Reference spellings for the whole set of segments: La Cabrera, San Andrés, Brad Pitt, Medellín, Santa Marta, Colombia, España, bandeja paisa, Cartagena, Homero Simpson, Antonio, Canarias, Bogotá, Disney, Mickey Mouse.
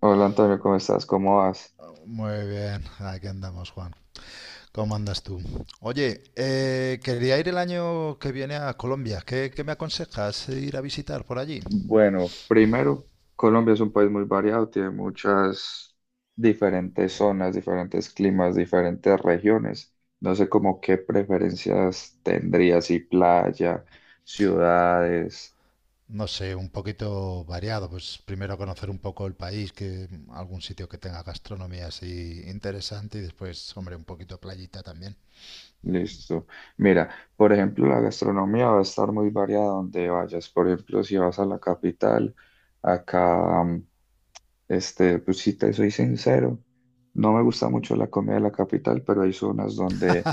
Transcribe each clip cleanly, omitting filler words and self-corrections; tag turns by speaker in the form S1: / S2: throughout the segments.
S1: Hola Antonio, ¿cómo estás? ¿Cómo vas?
S2: Muy bien, aquí andamos, Juan. ¿Cómo andas tú? Oye, quería ir el año que viene a Colombia. ¿Qué me aconsejas ir a visitar por allí?
S1: Bueno, primero, Colombia es un país muy variado, tiene muchas diferentes zonas, diferentes climas, diferentes regiones. No sé, como qué preferencias tendrías, si playa, ciudades,
S2: No sé, un poquito variado. Pues primero conocer un poco el país, que algún sitio que tenga gastronomía así interesante y después, hombre, un poquito playita también.
S1: listo. Mira, por ejemplo, la gastronomía va a estar muy variada donde vayas. Por ejemplo, si vas a la capital, acá este, pues si te soy sincero, no me gusta mucho la comida de la capital, pero hay zonas donde...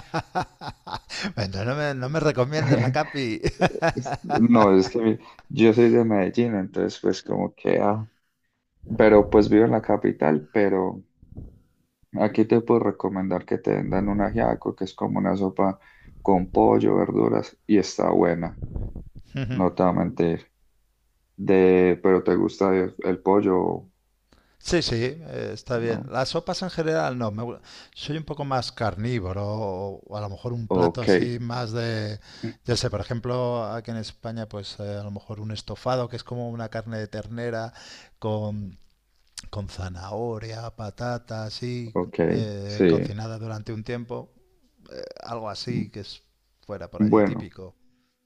S2: Bueno, no me recomiendes la Capi.
S1: No, es que yo soy de Medellín, entonces pues como que... ah, pero pues vivo en la capital, pero aquí te puedo recomendar que te vendan un ajiaco, que es como una sopa con pollo, verduras, y está buena, no te voy a mentir. Pero te gusta el pollo,
S2: Sí, sí, está bien.
S1: ¿no?
S2: Las sopas en general no. Soy un poco más carnívoro o a lo mejor un plato
S1: Ok,
S2: así más de, ya sé, por ejemplo, aquí en España, pues a lo mejor un estofado que es como una carne de ternera con, con zanahoria, patata, así,
S1: ok, sí.
S2: cocinada durante un tiempo. Algo
S1: mm,
S2: así que es fuera por allí
S1: Bueno.
S2: típico.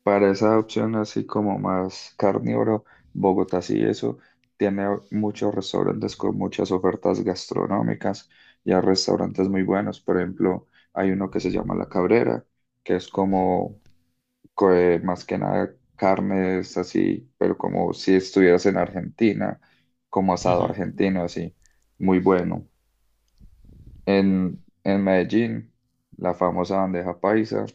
S1: Para esa opción así como más carnívoro, Bogotá sí eso tiene muchos restaurantes con muchas ofertas gastronómicas y hay restaurantes muy buenos. Por ejemplo, hay uno que se llama La Cabrera, que es como más que nada carnes así, pero como si estuvieras en Argentina, como asado
S2: Ujú.
S1: argentino así, muy bueno en Medellín, la famosa bandeja paisa,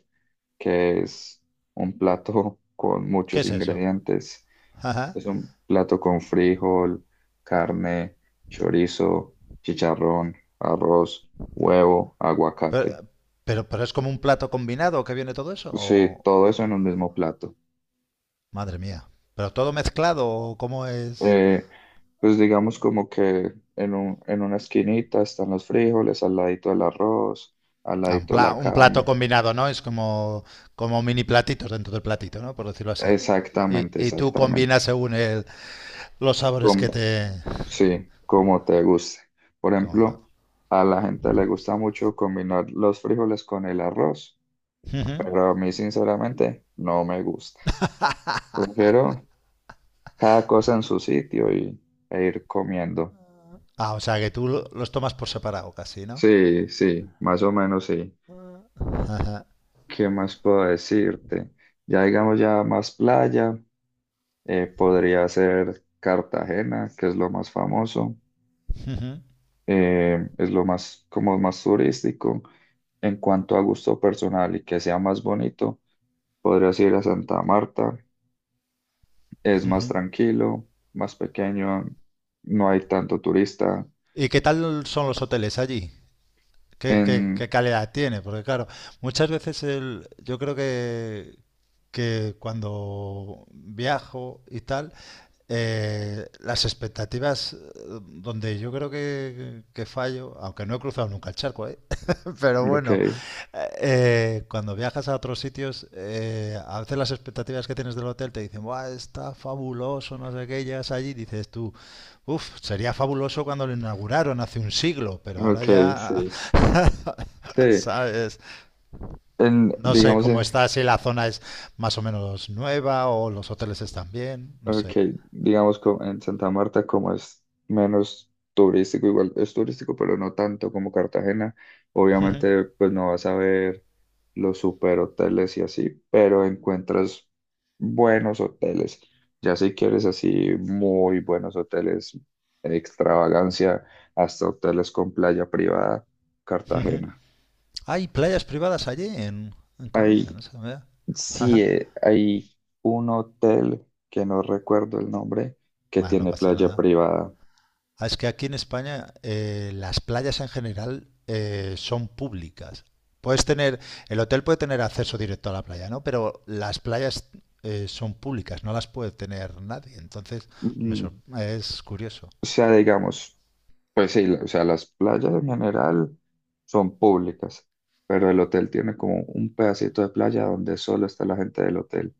S1: que es un plato con
S2: ¿Qué
S1: muchos
S2: es eso?
S1: ingredientes.
S2: Ajá.
S1: Es un plato con frijol, carne, chorizo, chicharrón, arroz, huevo,
S2: Pero,
S1: aguacate.
S2: pero es como un plato combinado que viene todo eso
S1: Sí,
S2: o...
S1: todo eso en
S2: o-
S1: un mismo plato.
S2: Madre mía. ¿Pero todo mezclado cómo es?
S1: Eh, pues digamos como que en una esquinita están los frijoles, al ladito el arroz, al
S2: Ah,
S1: ladito la
S2: un plato
S1: carne.
S2: combinado, ¿no? Es como, como mini platitos dentro del platito, ¿no? Por decirlo así. Y,
S1: Exactamente,
S2: y tú combinas
S1: exactamente.
S2: según los sabores que te...
S1: Sí, como te guste. Por
S2: ¿Cómo no?
S1: ejemplo, a la gente le gusta mucho combinar los frijoles con el arroz,
S2: Ujú.
S1: pero a mí sinceramente no me gusta. Prefiero cada cosa en su sitio y, e ir comiendo.
S2: Ah, o sea que los tomas por separado casi, ¿no?
S1: Sí, sí, más o menos sí.
S2: Ajá.
S1: ¿Qué más puedo decirte? Ya digamos ya más playa, podría ser Cartagena, que es lo más famoso.
S2: Ujú,
S1: Eh, es lo más, como más turístico. En cuanto a gusto personal y que sea más bonito, podrías ir a Santa Marta. Es más
S2: ujú.
S1: tranquilo, más pequeño, no hay tanto turista.
S2: ¿Y qué tal son los hoteles allí? ¿Qué, qué-
S1: En,
S2: qué calidad tiene? Porque claro, muchas veces el, yo creo que cuando viajo y tal, las expectativas, donde yo creo que fallo, aunque no he cruzado nunca el charco, ¿eh? Pero
S1: ok,
S2: bueno, cuando viajas a otros sitios, a veces las expectativas que tienes del hotel te dicen, ¡buah, está fabuloso! No sé qué, llegas allí y dices tú, uf, sería fabuloso cuando lo inauguraron hace un siglo, pero ahora
S1: ok,
S2: ya,
S1: sí. Sí,
S2: ¿sabes?
S1: en,
S2: No sé
S1: digamos,
S2: cómo
S1: en,
S2: está, si la zona es más o menos nueva o los hoteles están bien, no
S1: ok,
S2: sé.
S1: en Santa Marta, como es menos turístico, igual es turístico, pero no tanto como Cartagena,
S2: Ujú,
S1: obviamente pues no vas a ver los super hoteles y así, pero encuentras buenos hoteles. Ya si quieres así muy buenos hoteles, extravagancia, hasta hoteles con playa privada,
S2: ujú.
S1: Cartagena.
S2: Hay playas privadas allí en Colombia, no
S1: Hay,
S2: sé. Mira.
S1: sí, hay un hotel que no recuerdo el nombre, que
S2: Bueno, no
S1: tiene
S2: pasa
S1: playa
S2: nada.
S1: privada.
S2: Ah, es que aquí en España las playas en general son públicas. Puedes tener, el hotel puede tener acceso directo a la playa, ¿no? Pero las playas son públicas, no las puede tener nadie. Entonces,
S1: Mm,
S2: es curioso.
S1: O sea, digamos, pues sí, o sea, las playas en general son públicas, pero el hotel tiene como un pedacito de playa donde solo está la gente del hotel.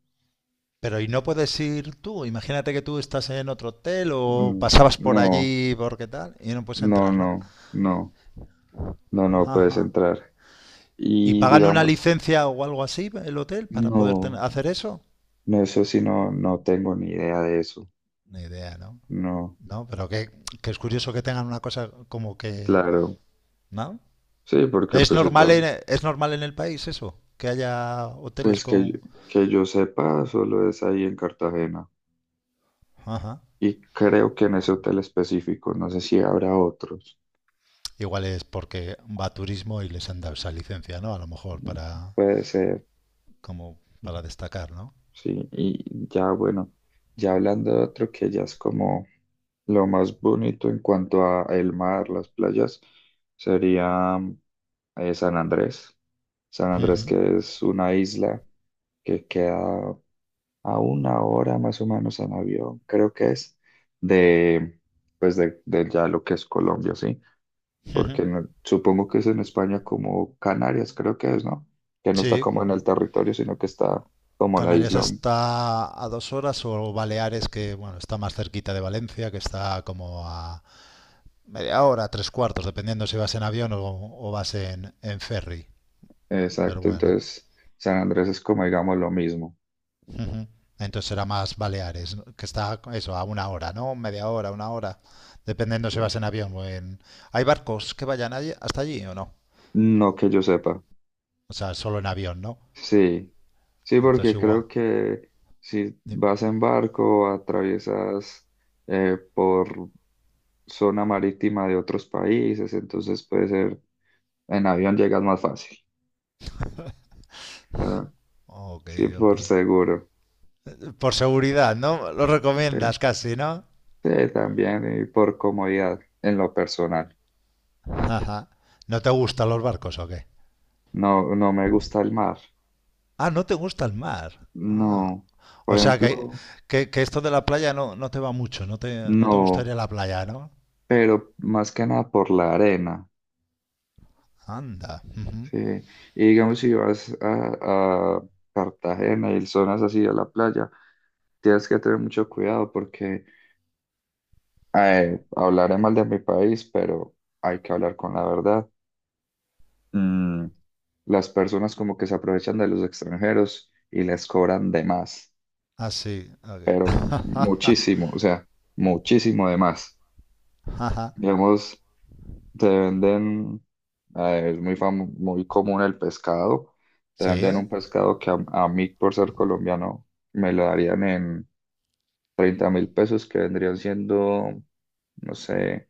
S2: Pero ¿y no puedes ir tú? Imagínate que tú estás en otro hotel o
S1: Mm.
S2: pasabas por
S1: No,
S2: allí ¿por qué tal y no puedes
S1: no,
S2: entrar, ¿no?
S1: no, no, no, no puedes
S2: Ajá.
S1: entrar.
S2: ¿Y
S1: Y
S2: pagan una
S1: digamos,
S2: licencia o algo así el hotel para poder
S1: no,
S2: hacer eso?
S1: no, eso sí, no, no tengo ni idea de eso.
S2: Ni idea, ¿no?
S1: No,
S2: No, pero que es curioso que tengan una cosa como que,
S1: claro,
S2: ¿no?
S1: sí, porque pues,
S2: ¿Es normal en el país eso? Que haya hoteles
S1: pues que,
S2: con...
S1: que yo sepa, solo es ahí en Cartagena.
S2: Ajá.
S1: Y creo que en ese hotel específico, no sé si habrá otros.
S2: Igual es porque va a turismo y les han dado esa licencia, ¿no? A lo mejor
S1: ¿No?
S2: para,
S1: Puede ser.
S2: como
S1: Ujú.
S2: para destacar, ¿no?
S1: Sí. Y ya, bueno, ya hablando de otro que ya es como lo más bonito en cuanto a el mar, las playas, sería San Andrés. San Andrés,
S2: Ujú,
S1: que es una isla que queda a una hora más o menos en avión, creo que es, de, de ya lo que es Colombia, ¿sí?
S2: ujú.
S1: Porque supongo que es en España como Canarias, creo que es, ¿no? Que no está
S2: Sí,
S1: como en el territorio, sino que está como la
S2: Canarias
S1: isla.
S2: está a dos horas o Baleares, que bueno, está más cerquita de Valencia, que está como a media hora, tres cuartos, dependiendo si vas en avión o vas en ferry. Pero
S1: Exacto,
S2: bueno,
S1: entonces San Andrés es como, digamos, lo mismo.
S2: ujú. Entonces será más Baleares, ¿no? que está eso, a una hora, ¿no? Media hora, una hora, dependiendo si
S1: Sí.
S2: vas en avión o en... ¿Hay barcos que vayan hasta allí o no?
S1: No que yo sepa.
S2: O sea, solo en avión, ¿no?
S1: Sí, sí,
S2: Entonces
S1: porque
S2: igual.
S1: creo que si
S2: Ni-
S1: vas en barco, atraviesas por zona marítima de otros países, entonces puede ser, en avión llegas más fácil. Ah.
S2: Ok,
S1: Sí,
S2: ok.
S1: por seguro.
S2: Por seguridad, ¿no? Lo
S1: Eh,
S2: recomiendas casi, ¿no?
S1: Sí, también y por comodidad en lo personal.
S2: Ajá. ¿No te gustan los barcos o qué?
S1: No, no me gusta el mar.
S2: Ah, no te gusta el mar. Ah.
S1: No, por
S2: O sea,
S1: ejemplo,
S2: que esto de la playa no, no te va mucho, no te
S1: no,
S2: gustaría la playa, ¿no?
S1: pero más que nada por la arena.
S2: Anda.
S1: Sí. Y digamos, si vas a Cartagena y zonas así a la playa, tienes que tener mucho cuidado porque hablaré mal de mi país, pero hay que hablar con la verdad. Mm, las personas como que se aprovechan de los extranjeros y les cobran de más.
S2: Ah, sí. Ok.
S1: Muchísimo, o sea, muchísimo de más. Digamos, te venden, es muy muy común el pescado, te
S2: Sí,
S1: venden
S2: ¿eh?
S1: un pescado que a mí, por ser colombiano, me lo darían en 30.000 pesos, que vendrían siendo, no sé,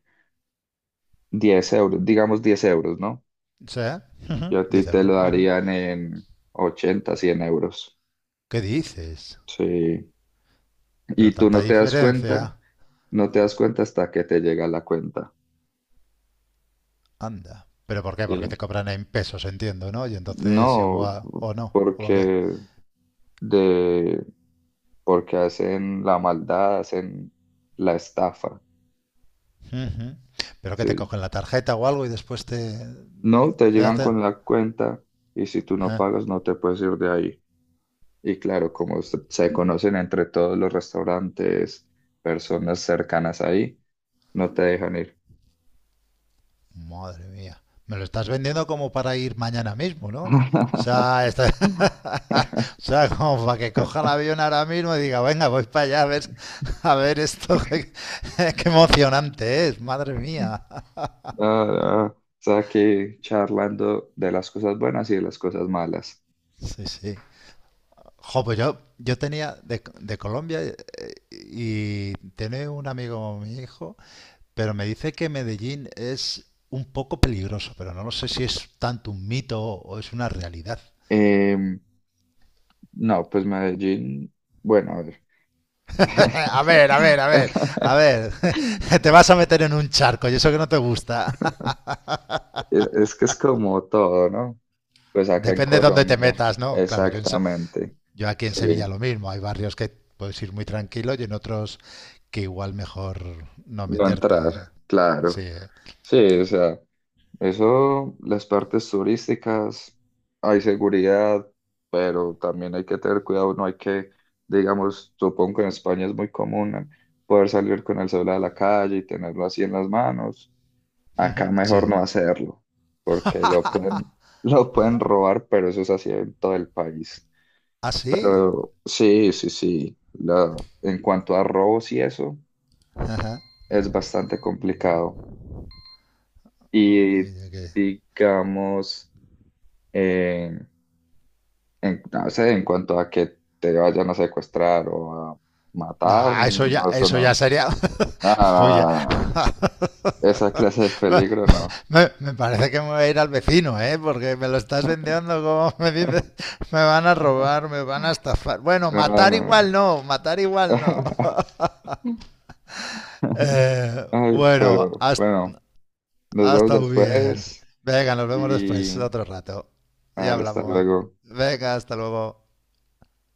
S1: 10 euros, digamos 10 euros, ¿no?
S2: Sí.
S1: Y
S2: Ujú,
S1: a ti
S2: 10
S1: te
S2: euros.
S1: lo darían en 80, 100 euros.
S2: ¿Qué dices?
S1: Sí.
S2: Pero
S1: Y tú
S2: tanta
S1: no te das
S2: diferencia.
S1: cuenta, no te das cuenta hasta que te llega la cuenta.
S2: Anda. ¿Pero por qué? Porque te
S1: Sí.
S2: cobran en pesos, entiendo, ¿no? Y entonces
S1: No,
S2: igual... ¿O no? ¿O por qué?
S1: porque de porque hacen la maldad, hacen la estafa,
S2: ¿Pero que te
S1: sí.
S2: cogen la tarjeta o algo y después te...
S1: No, te
S2: te
S1: llegan
S2: hace...
S1: con la cuenta y si tú no pagas no te puedes ir de ahí. Y claro, como se conocen entre todos los restaurantes, personas cercanas ahí, no te dejan ir.
S2: Madre mía. Me lo estás vendiendo como para ir mañana mismo, ¿no? O sea, está- o sea, como para que coja el avión ahora mismo y diga, venga, voy para allá a ver esto, qué emocionante es, madre mía.
S1: Ah, ah, o sea, aquí charlando de las cosas buenas y de las cosas malas.
S2: Sí, sí. Jo, yo tenía de Colombia y tiene un amigo, mi hijo, pero me dice que Medellín es un poco peligroso, pero no lo sé si es tanto un mito o es una realidad.
S1: Em, No, pues Medellín, bueno, a ver.
S2: A ver, a ver, a ver, a ver. Te vas a meter en un charco y eso que no te gusta.
S1: Es que es como todo, ¿no? Pues acá en
S2: Depende de dónde te
S1: Colombia,
S2: metas, ¿no? Claro,
S1: exactamente.
S2: yo aquí en Sevilla
S1: Sí,
S2: lo mismo. Hay barrios que puedes ir muy tranquilo y en otros que igual mejor no
S1: no
S2: meterte. ¿Eh?
S1: entrar,
S2: Sí,
S1: claro. Sí, o sea, eso, las partes turísticas, hay seguridad, pero también hay que tener cuidado, no hay que, digamos, supongo que en España es muy común, ¿no?, poder salir con el celular a la calle y tenerlo así en las manos. Acá mejor
S2: sí.
S1: no hacerlo, porque lo pueden, lo pueden robar, pero eso es así en todo el país.
S2: ¿Ah, sí?
S1: Pero sí, sí, sí. En cuanto a robos y eso,
S2: Ajá.
S1: es bastante complicado.
S2: Ok,
S1: Y
S2: ok.
S1: digamos, eh, no sé, en cuanto a que te vayan a secuestrar o a
S2: No,
S1: matar, no, eso
S2: eso ya
S1: no.
S2: sería.
S1: No, no,
S2: Oye,
S1: no, no. No. Esa clase de peligro no.
S2: Parece que me voy a ir al vecino, ¿eh? Porque me lo estás vendiendo como me dices, me van a robar, me van a estafar. Bueno,
S1: No,
S2: matar
S1: no.
S2: igual no, matar igual no.
S1: Ay,
S2: Bueno,
S1: pero
S2: hasta,
S1: bueno, nos vemos
S2: hasta bien.
S1: después
S2: Venga, nos vemos después,
S1: y
S2: otro rato.
S1: ah,
S2: Ya
S1: hasta
S2: hablamos.
S1: luego.
S2: Venga, hasta luego.